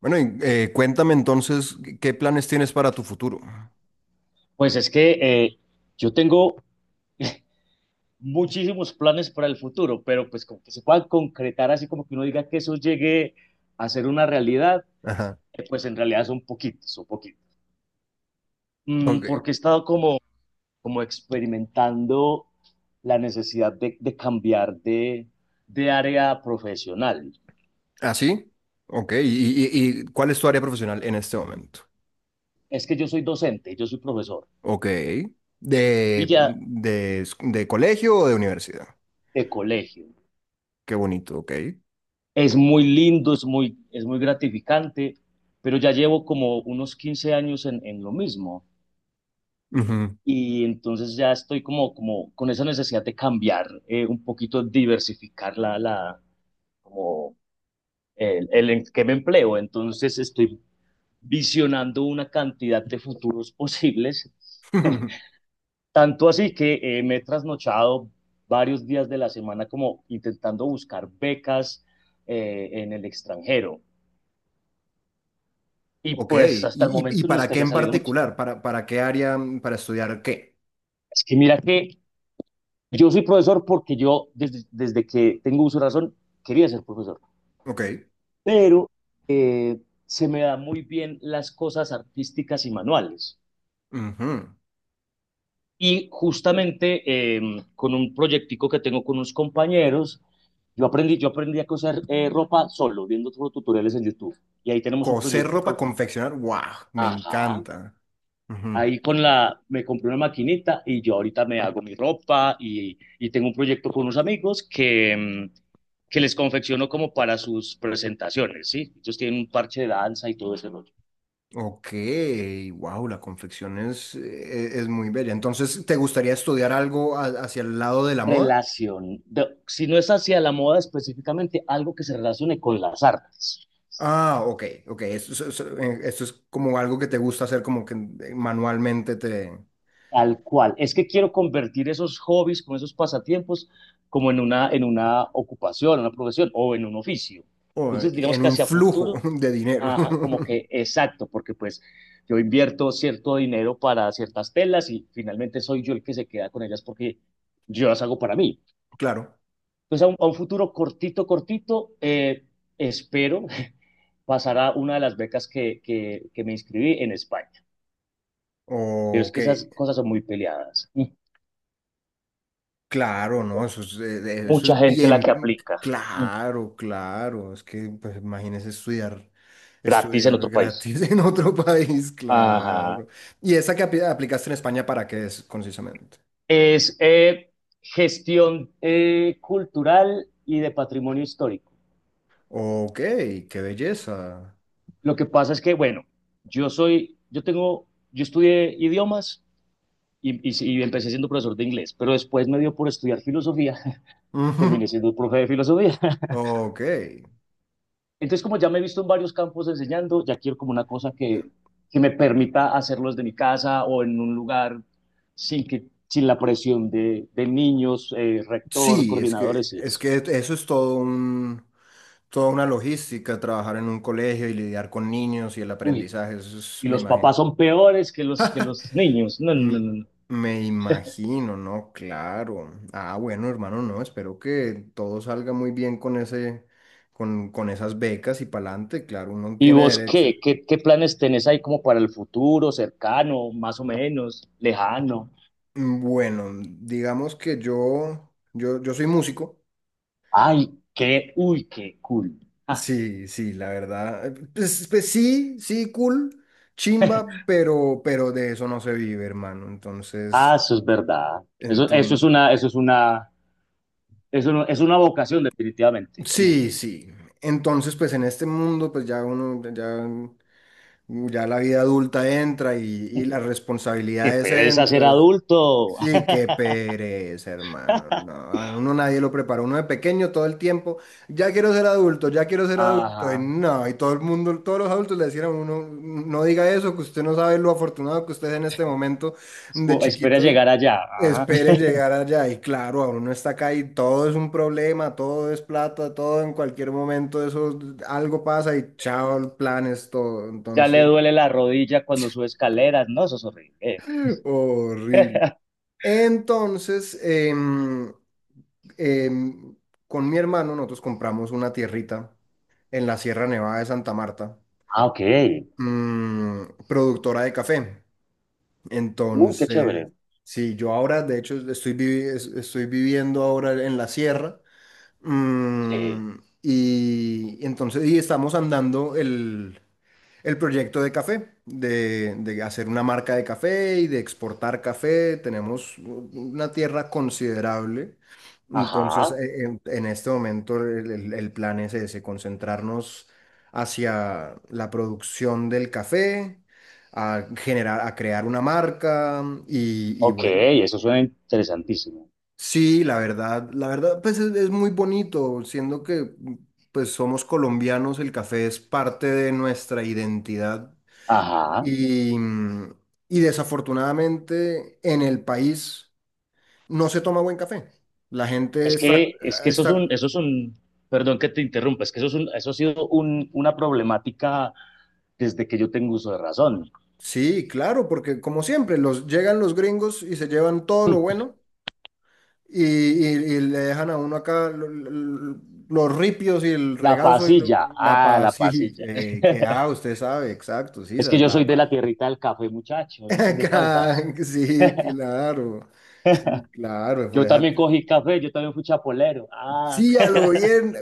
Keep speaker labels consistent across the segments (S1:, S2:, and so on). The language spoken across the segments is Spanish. S1: Bueno, y, cuéntame entonces qué planes tienes para tu futuro.
S2: Pues es que yo tengo muchísimos planes para el futuro, pero pues como que se puedan concretar, así como que uno diga que eso llegue a ser una realidad,
S1: Ajá.
S2: pues en realidad son poquitos, son poquitos.
S1: Ok.
S2: Porque he estado como, como experimentando la necesidad de cambiar de área profesional.
S1: ¿Ah, sí? Ok. ¿Y cuál es tu área profesional en este momento?
S2: Es que yo soy docente, yo soy profesor
S1: Ok.
S2: y
S1: ¿De,
S2: ya
S1: de, de colegio o de universidad?
S2: de colegio.
S1: Qué bonito, ok.
S2: Es muy lindo, es muy gratificante, pero ya llevo como unos 15 años en lo mismo.
S1: Ujú.
S2: Y entonces ya estoy como, como con esa necesidad de cambiar, un poquito diversificar como el en que me empleo. Entonces estoy visionando una cantidad de futuros posibles, tanto así que me he trasnochado varios días de la semana como intentando buscar becas en el extranjero. Y
S1: Ok.
S2: pues
S1: ¿Y,
S2: hasta el
S1: y- y
S2: momento no es
S1: para
S2: que
S1: qué
S2: haya
S1: en
S2: salido mucho.
S1: particular? ¿Para qué área? ¿Para estudiar qué?
S2: Es que mira que yo soy profesor porque yo desde que tengo uso de razón quería ser profesor.
S1: Ok.
S2: Pero eh, se me da muy bien las cosas artísticas y manuales.
S1: Ujú.
S2: Y justamente eh, con un proyectico que tengo con unos compañeros, yo aprendí a coser ropa solo, viendo tutoriales en YouTube. Y ahí tenemos un
S1: Coser ropa,
S2: proyectico.
S1: confeccionar. ¡Wow! Me
S2: Ajá.
S1: encanta.
S2: Ahí con la, me compré una maquinita y yo ahorita me hago mi ropa, y tengo un proyecto con unos amigos que les confecciono como para sus presentaciones, ¿sí? Ellos tienen un parche de danza y todo ese rollo.
S1: Ok, wow, la confección es muy bella. Entonces, ¿te gustaría estudiar algo hacia el lado de la moda?
S2: Relación, de- si no es hacia la moda específicamente, algo que se relacione con las artes,
S1: Ah, ok, ok. Esto es como algo que te gusta hacer, como que manualmente te...
S2: tal cual. Es que quiero convertir esos hobbies, como esos pasatiempos, como en en una ocupación, una profesión o en un oficio.
S1: O
S2: Entonces, digamos
S1: en
S2: que
S1: un
S2: hacia
S1: flujo
S2: futuro,
S1: de dinero.
S2: ajá, como que exacto, porque pues yo invierto cierto dinero para ciertas telas y finalmente soy yo el que se queda con ellas porque yo las hago para mí.
S1: Claro.
S2: Entonces, a un futuro cortito, cortito, espero pasar a una de las becas que me inscribí en España. Pero es
S1: Ok.
S2: que esas cosas son muy peleadas. Mm.
S1: Claro, no, eso es, eh, eso
S2: Mucha
S1: es
S2: gente la
S1: bien,
S2: que aplica. Mm.
S1: claro, claro, es que pues imagínese estudiar,
S2: Gratis en
S1: estudiar
S2: otro país.
S1: gratis
S2: Mm.
S1: en otro país,
S2: Ajá.
S1: claro. ¿Y esa que aplicaste en España para qué es concisamente?
S2: Es gestión cultural y de patrimonio histórico.
S1: Ok, qué belleza.
S2: Lo que pasa es que, bueno, yo tengo, yo estudié idiomas, y empecé siendo profesor de inglés, pero después me dio por estudiar filosofía, terminé
S1: Ujú,
S2: siendo profe de filosofía.
S1: ok.
S2: Entonces, como ya me he visto en varios campos enseñando, ya quiero como una cosa que me permita hacerlo desde mi casa o en un lugar sin que, sin la presión de niños, rector,
S1: Sí, es que,
S2: coordinadores y
S1: es
S2: eso.
S1: que eso es toda una logística, trabajar en un colegio y lidiar con niños y el
S2: Uy,
S1: aprendizaje, eso es,
S2: y
S1: me
S2: los papás
S1: imagino.
S2: son peores que que los niños. No, no, no.
S1: M-
S2: No. No.
S1: Me imagino, ¿no? Claro. Ah, bueno, hermano, no, espero que todo salga muy bien con esas becas y pa'lante, claro, uno
S2: ¿Y
S1: tiene
S2: vos
S1: derecho.
S2: qué? ¿Qué? ¿Qué planes tenés ahí como para el futuro, cercano, más o menos, lejano?
S1: Bueno, digamos que yo soy músico.
S2: Ay, qué, uy, qué cool. Ah,
S1: Sí, sí, la verdad. Pues sí, sí, cool, chimba, pero de eso no se vive, hermano.
S2: ah,
S1: Entonces,
S2: eso es verdad.
S1: entonces,
S2: Eso es una… Es, una, es una vocación, definitivamente. Mm.
S1: sí, sí. Entonces, pues en este mundo, pues ya uno, ya. Ya la vida adulta entra y las
S2: Qué
S1: responsabilidades
S2: pereza ser
S1: entran.
S2: adulto.
S1: Sí, qué pereza, hermano. No, a uno nadie lo prepara. Uno de pequeño todo el tiempo, ya quiero ser adulto, ya quiero ser adulto. Y
S2: Ajá.
S1: no, y todo el mundo, todos los adultos le decían a uno, no diga eso, que usted no sabe lo afortunado que usted es en este momento
S2: Es
S1: de
S2: como, espera
S1: chiquito.
S2: llegar allá. Ajá.
S1: Espere llegar allá. Y claro, a uno está acá y todo es un problema, todo es plata, todo en cualquier momento, eso algo pasa y chao, planes, todo.
S2: Ya le
S1: Entonces.
S2: duele la rodilla cuando sube escaleras. No, eso es horrible.
S1: Horrible. Entonces, em, con mi hermano nosotros compramos una tierrita en la Sierra Nevada de Santa Marta,
S2: Ah, ok.
S1: mm, productora de café.
S2: Uy, qué
S1: Entonces,
S2: chévere.
S1: sí, yo ahora, de hecho, estoy viviendo ahora en la sierra,
S2: Sí.
S1: mm, y entonces estamos andando el proyecto de café, de hacer una marca de café y de exportar café. Tenemos una tierra considerable.
S2: Ajá.
S1: Entonces, en este momento el plan es ese, concentrarnos hacia la producción del café, a generar, a crear una marca y
S2: Ok,
S1: bueno.
S2: eso suena interesantísimo.
S1: Sí, la verdad, pues es muy bonito, siendo que pues somos colombianos, el café es parte de nuestra identidad
S2: Ajá.
S1: y, mm, y desafortunadamente en el país no se toma buen café. La gente
S2: Es que
S1: está,
S2: eso es un, perdón que te interrumpa, es que eso es un, eso ha sido una problemática desde que yo tengo uso de razón.
S1: sí, claro, porque como siempre, llegan los gringos y se llevan todo lo bueno y le dejan a uno acá los ripios y el
S2: La
S1: regazo y
S2: pasilla,
S1: la
S2: ah, la
S1: paz. Sí,
S2: pasilla.
S1: ah, usted sabe, exacto, sí,
S2: Es que
S1: esa es
S2: yo soy
S1: la
S2: de la
S1: paz.
S2: tierrita del café, muchacho. Yo soy de
S1: Acá,
S2: Caldas.
S1: sí, claro. Sí, claro, por
S2: Yo
S1: eso.
S2: también cogí café, yo también fui chapolero. Ah,
S1: Sí, a lo bien.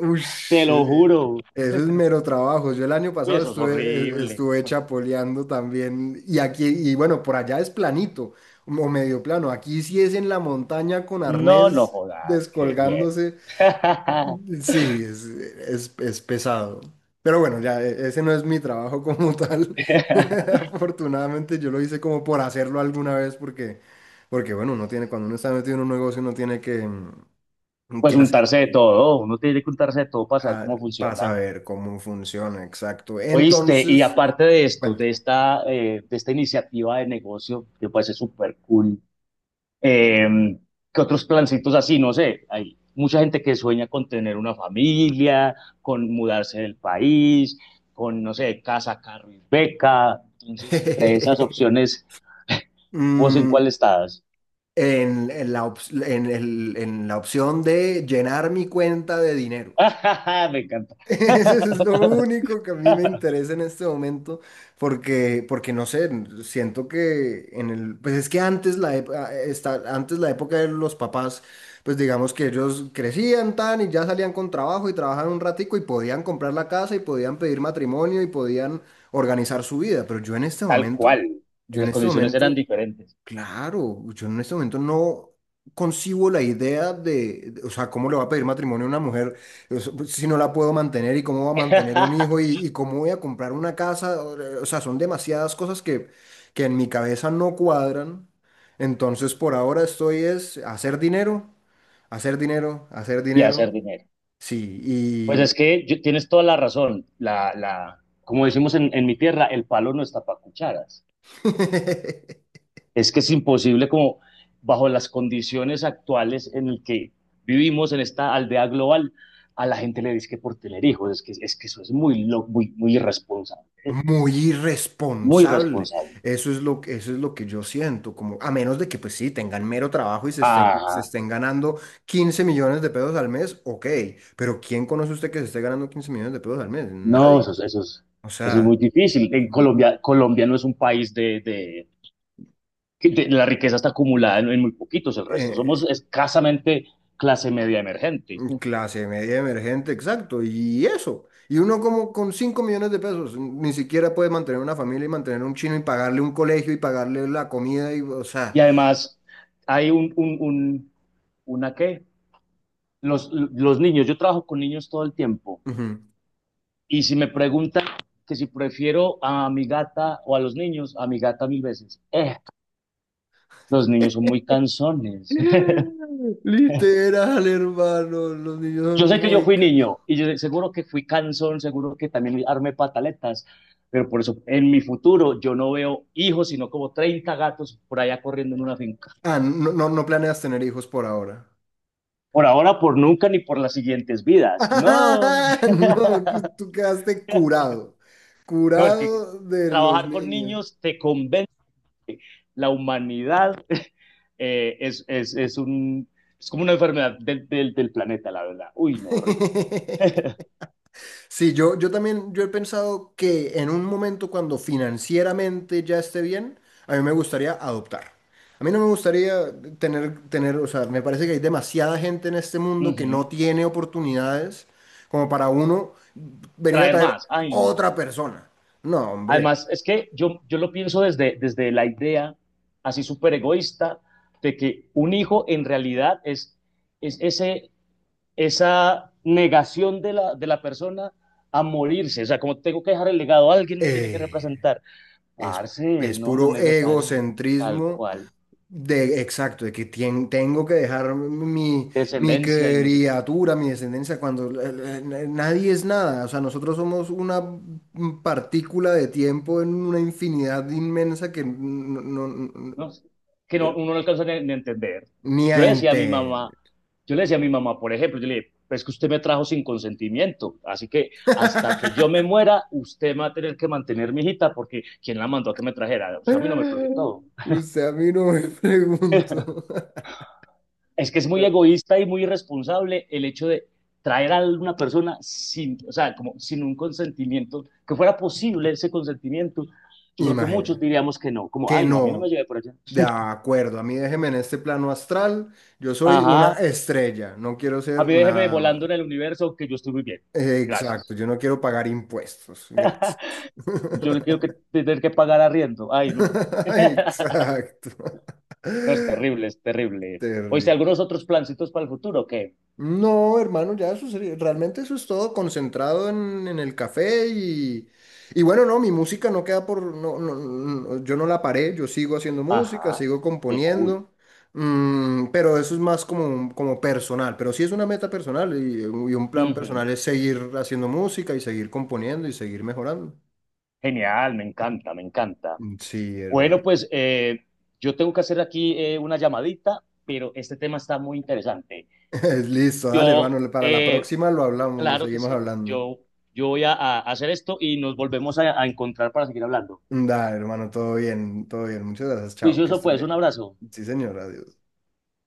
S2: te
S1: Ush,
S2: lo juro.
S1: eso es mero trabajo. Yo el año
S2: Uy,
S1: pasado
S2: eso es
S1: estuve, eh,
S2: horrible.
S1: estuve chapoleando también. Y aquí, y bueno, por allá es planito o medio plano. Aquí sí es en la montaña con
S2: No, no
S1: arnés
S2: jodas, qué mierda.
S1: descolgándose. Sí, es pesado. Pero bueno, ya ese no es mi trabajo como tal. Afortunadamente yo lo hice como por hacerlo alguna vez porque, bueno, uno tiene, cuando uno está metido en un negocio, uno tiene que, mm,
S2: Pues
S1: que
S2: untarse de
S1: hacerle.
S2: todo, uno tiene que untarse de todo para saber
S1: Ah,
S2: cómo
S1: para
S2: funciona.
S1: saber cómo funciona, exacto.
S2: Oíste, y
S1: Entonces,
S2: aparte de esto,
S1: cuenta.
S2: de esta iniciativa de negocio, que puede ser súper cool, eh, que otros plancitos así, no sé, hay mucha gente que sueña con tener una familia, con mudarse del país, con, no sé, casa, carro y beca. Entonces, entre esas opciones, ¿vos en
S1: Mm,
S2: cuál estás?
S1: en la, ops- en el- en la opción de llenar mi cuenta de dinero.
S2: Me encanta.
S1: Eso es lo único que a mí me interesa en este momento, porque, no sé, siento que pues es que antes la, ep- a- esta- antes la época de los papás, pues digamos que ellos crecían tan y ya salían con trabajo y trabajaban un ratico y podían comprar la casa y podían pedir matrimonio y podían organizar su vida, pero yo en este
S2: Tal
S1: momento,
S2: cual.
S1: yo en
S2: Las
S1: este
S2: condiciones eran
S1: momento
S2: diferentes.
S1: Claro, yo en este momento no concibo la idea o sea, cómo le va a pedir matrimonio a una mujer, o sea, pues, si no la puedo mantener y cómo va a mantener un hijo y cómo voy a comprar una casa. O sea, son demasiadas cosas que, en mi cabeza no cuadran. Entonces, por ahora estoy es hacer dinero, hacer dinero, hacer
S2: Y
S1: dinero.
S2: hacer dinero.
S1: Sí,
S2: Pues es que yo- tienes toda la razón. La, como decimos en mi tierra, el palo no está para cucharas. Es que es imposible como bajo las condiciones actuales en el que vivimos en esta aldea global, a la gente le dice que por tener hijos, es que eso es muy, muy, muy irresponsable,
S1: muy
S2: muy
S1: irresponsable.
S2: irresponsable.
S1: Eso es lo que yo siento, como a menos de que pues sí, tengan mero trabajo y se estén, se
S2: Ajá,
S1: estén ganando 15 millones de pesos al mes, ok, pero ¿quién conoce usted que se esté ganando 15 millones de pesos al mes?
S2: no,
S1: Nadie. O
S2: eso es
S1: sea,
S2: muy difícil. En Colombia, Colombia no es un país que de la riqueza está acumulada en muy poquitos, el resto somos
S1: eh,
S2: escasamente clase media emergente.
S1: clase media emergente, exacto, y eso. Y uno como con 5 millones de pesos, ni siquiera puede mantener una familia y mantener un chino y pagarle un colegio y pagarle la comida y, o
S2: Y
S1: sea,
S2: además hay un una qué, los niños, yo trabajo con niños todo el tiempo,
S1: ujú.
S2: y si me preguntan que si prefiero a mi gata o a los niños, a mi gata mil veces. Los niños son muy cansones.
S1: Literal, hermano. Los niños son
S2: Yo sé que yo
S1: muy
S2: fui
S1: cansados.
S2: niño y yo seguro que fui cansón, seguro que también armé pataletas, pero por eso en mi futuro yo no veo hijos, sino como 30 gatos por allá corriendo en una finca.
S1: Ah, no, no, no planeas tener hijos por ahora.
S2: Por ahora, por nunca, ni por las siguientes vidas. No.
S1: No, que tú quedaste curado.
S2: No, es que
S1: Curado de los
S2: trabajar con
S1: niños.
S2: niños te convence. La humanidad eh, es, es, es, un, es como una enfermedad del planeta, la verdad. Uy, no, horrible.
S1: Sí, yo también, yo he pensado que en un momento cuando financieramente ya esté bien, a mí me gustaría adoptar. A mí no me gustaría tener, o sea, me parece que hay demasiada gente en este
S2: Uh
S1: mundo que no
S2: -huh.
S1: tiene oportunidades como para uno venir a
S2: Traer
S1: traer
S2: más. Ay, no.
S1: otra persona. No, hombre,
S2: Además, es que yo lo pienso desde la idea así súper egoísta de que un hijo en realidad es esa negación de la persona a morirse. O sea, como tengo que dejar el legado, alguien me tiene que
S1: eh,
S2: representar.
S1: es,
S2: Parce,
S1: es
S2: no, no es
S1: puro
S2: necesario. Tal
S1: egocentrismo.
S2: cual.
S1: De, exacto, de que tengo que dejar mi
S2: Descendencia y no sé,
S1: criatura, mi descendencia, cuando nadie es nada. O sea, nosotros somos una partícula de tiempo en una infinidad inmensa que
S2: no sé, que no, uno no alcanza ni, ni a entender.
S1: ni a
S2: Yo le decía a mi
S1: entender.
S2: mamá, yo le decía a mi mamá, por ejemplo, yo le dije: "Pues es que usted me trajo sin consentimiento, así que hasta que yo me muera, usted va a tener que mantener mi hijita porque quién la mandó a que me trajera, o sea, a mí no me preguntó".
S1: Usted a mí no me preguntó.
S2: Es que es muy egoísta y muy irresponsable el hecho de traer a una persona sin, o sea, como sin un consentimiento, que fuera posible ese consentimiento. Yo creo que muchos
S1: Imagínense
S2: diríamos que no, como,
S1: que
S2: ay, no, a mí no me
S1: no.
S2: llevé por allá.
S1: De acuerdo, a mí déjeme en este plano astral. Yo soy
S2: Ajá.
S1: una estrella, no quiero ser
S2: A mí déjeme
S1: nada más.
S2: volando en el universo que yo estoy muy bien.
S1: Exacto,
S2: Gracias.
S1: yo no quiero pagar impuestos, gracias.
S2: Yo no quiero que tener que pagar arriendo. Ay, no.
S1: Exacto.
S2: No, es terrible, es terrible. Oíste,
S1: Terrible.
S2: ¿algunos otros plancitos para el futuro? ¿Qué?
S1: No, hermano, ya eso sería, realmente eso es todo concentrado en el café y bueno, no, mi música no queda no, no, no, yo no la paré, yo sigo haciendo música,
S2: Ajá,
S1: sigo
S2: qué cool.
S1: componiendo, pero eso es más como, como personal, pero sí es una meta personal y un plan
S2: Ujú.
S1: personal es seguir haciendo música y seguir componiendo y seguir mejorando.
S2: Genial, me encanta, me encanta.
S1: Mm, sí,
S2: Bueno,
S1: hermano.
S2: pues yo tengo que hacer aquí una llamadita, pero este tema está muy interesante.
S1: Listo, dale,
S2: Yo,
S1: hermano. Para la próxima lo hablamos, lo
S2: claro que
S1: seguimos
S2: sí,
S1: hablando.
S2: yo voy a hacer esto y nos volvemos a encontrar para seguir hablando.
S1: Dale, hermano, todo bien, todo bien. Muchas gracias, chao, que
S2: Juicioso,
S1: estés
S2: pues, un
S1: bien.
S2: abrazo.
S1: Sí, señor, adiós.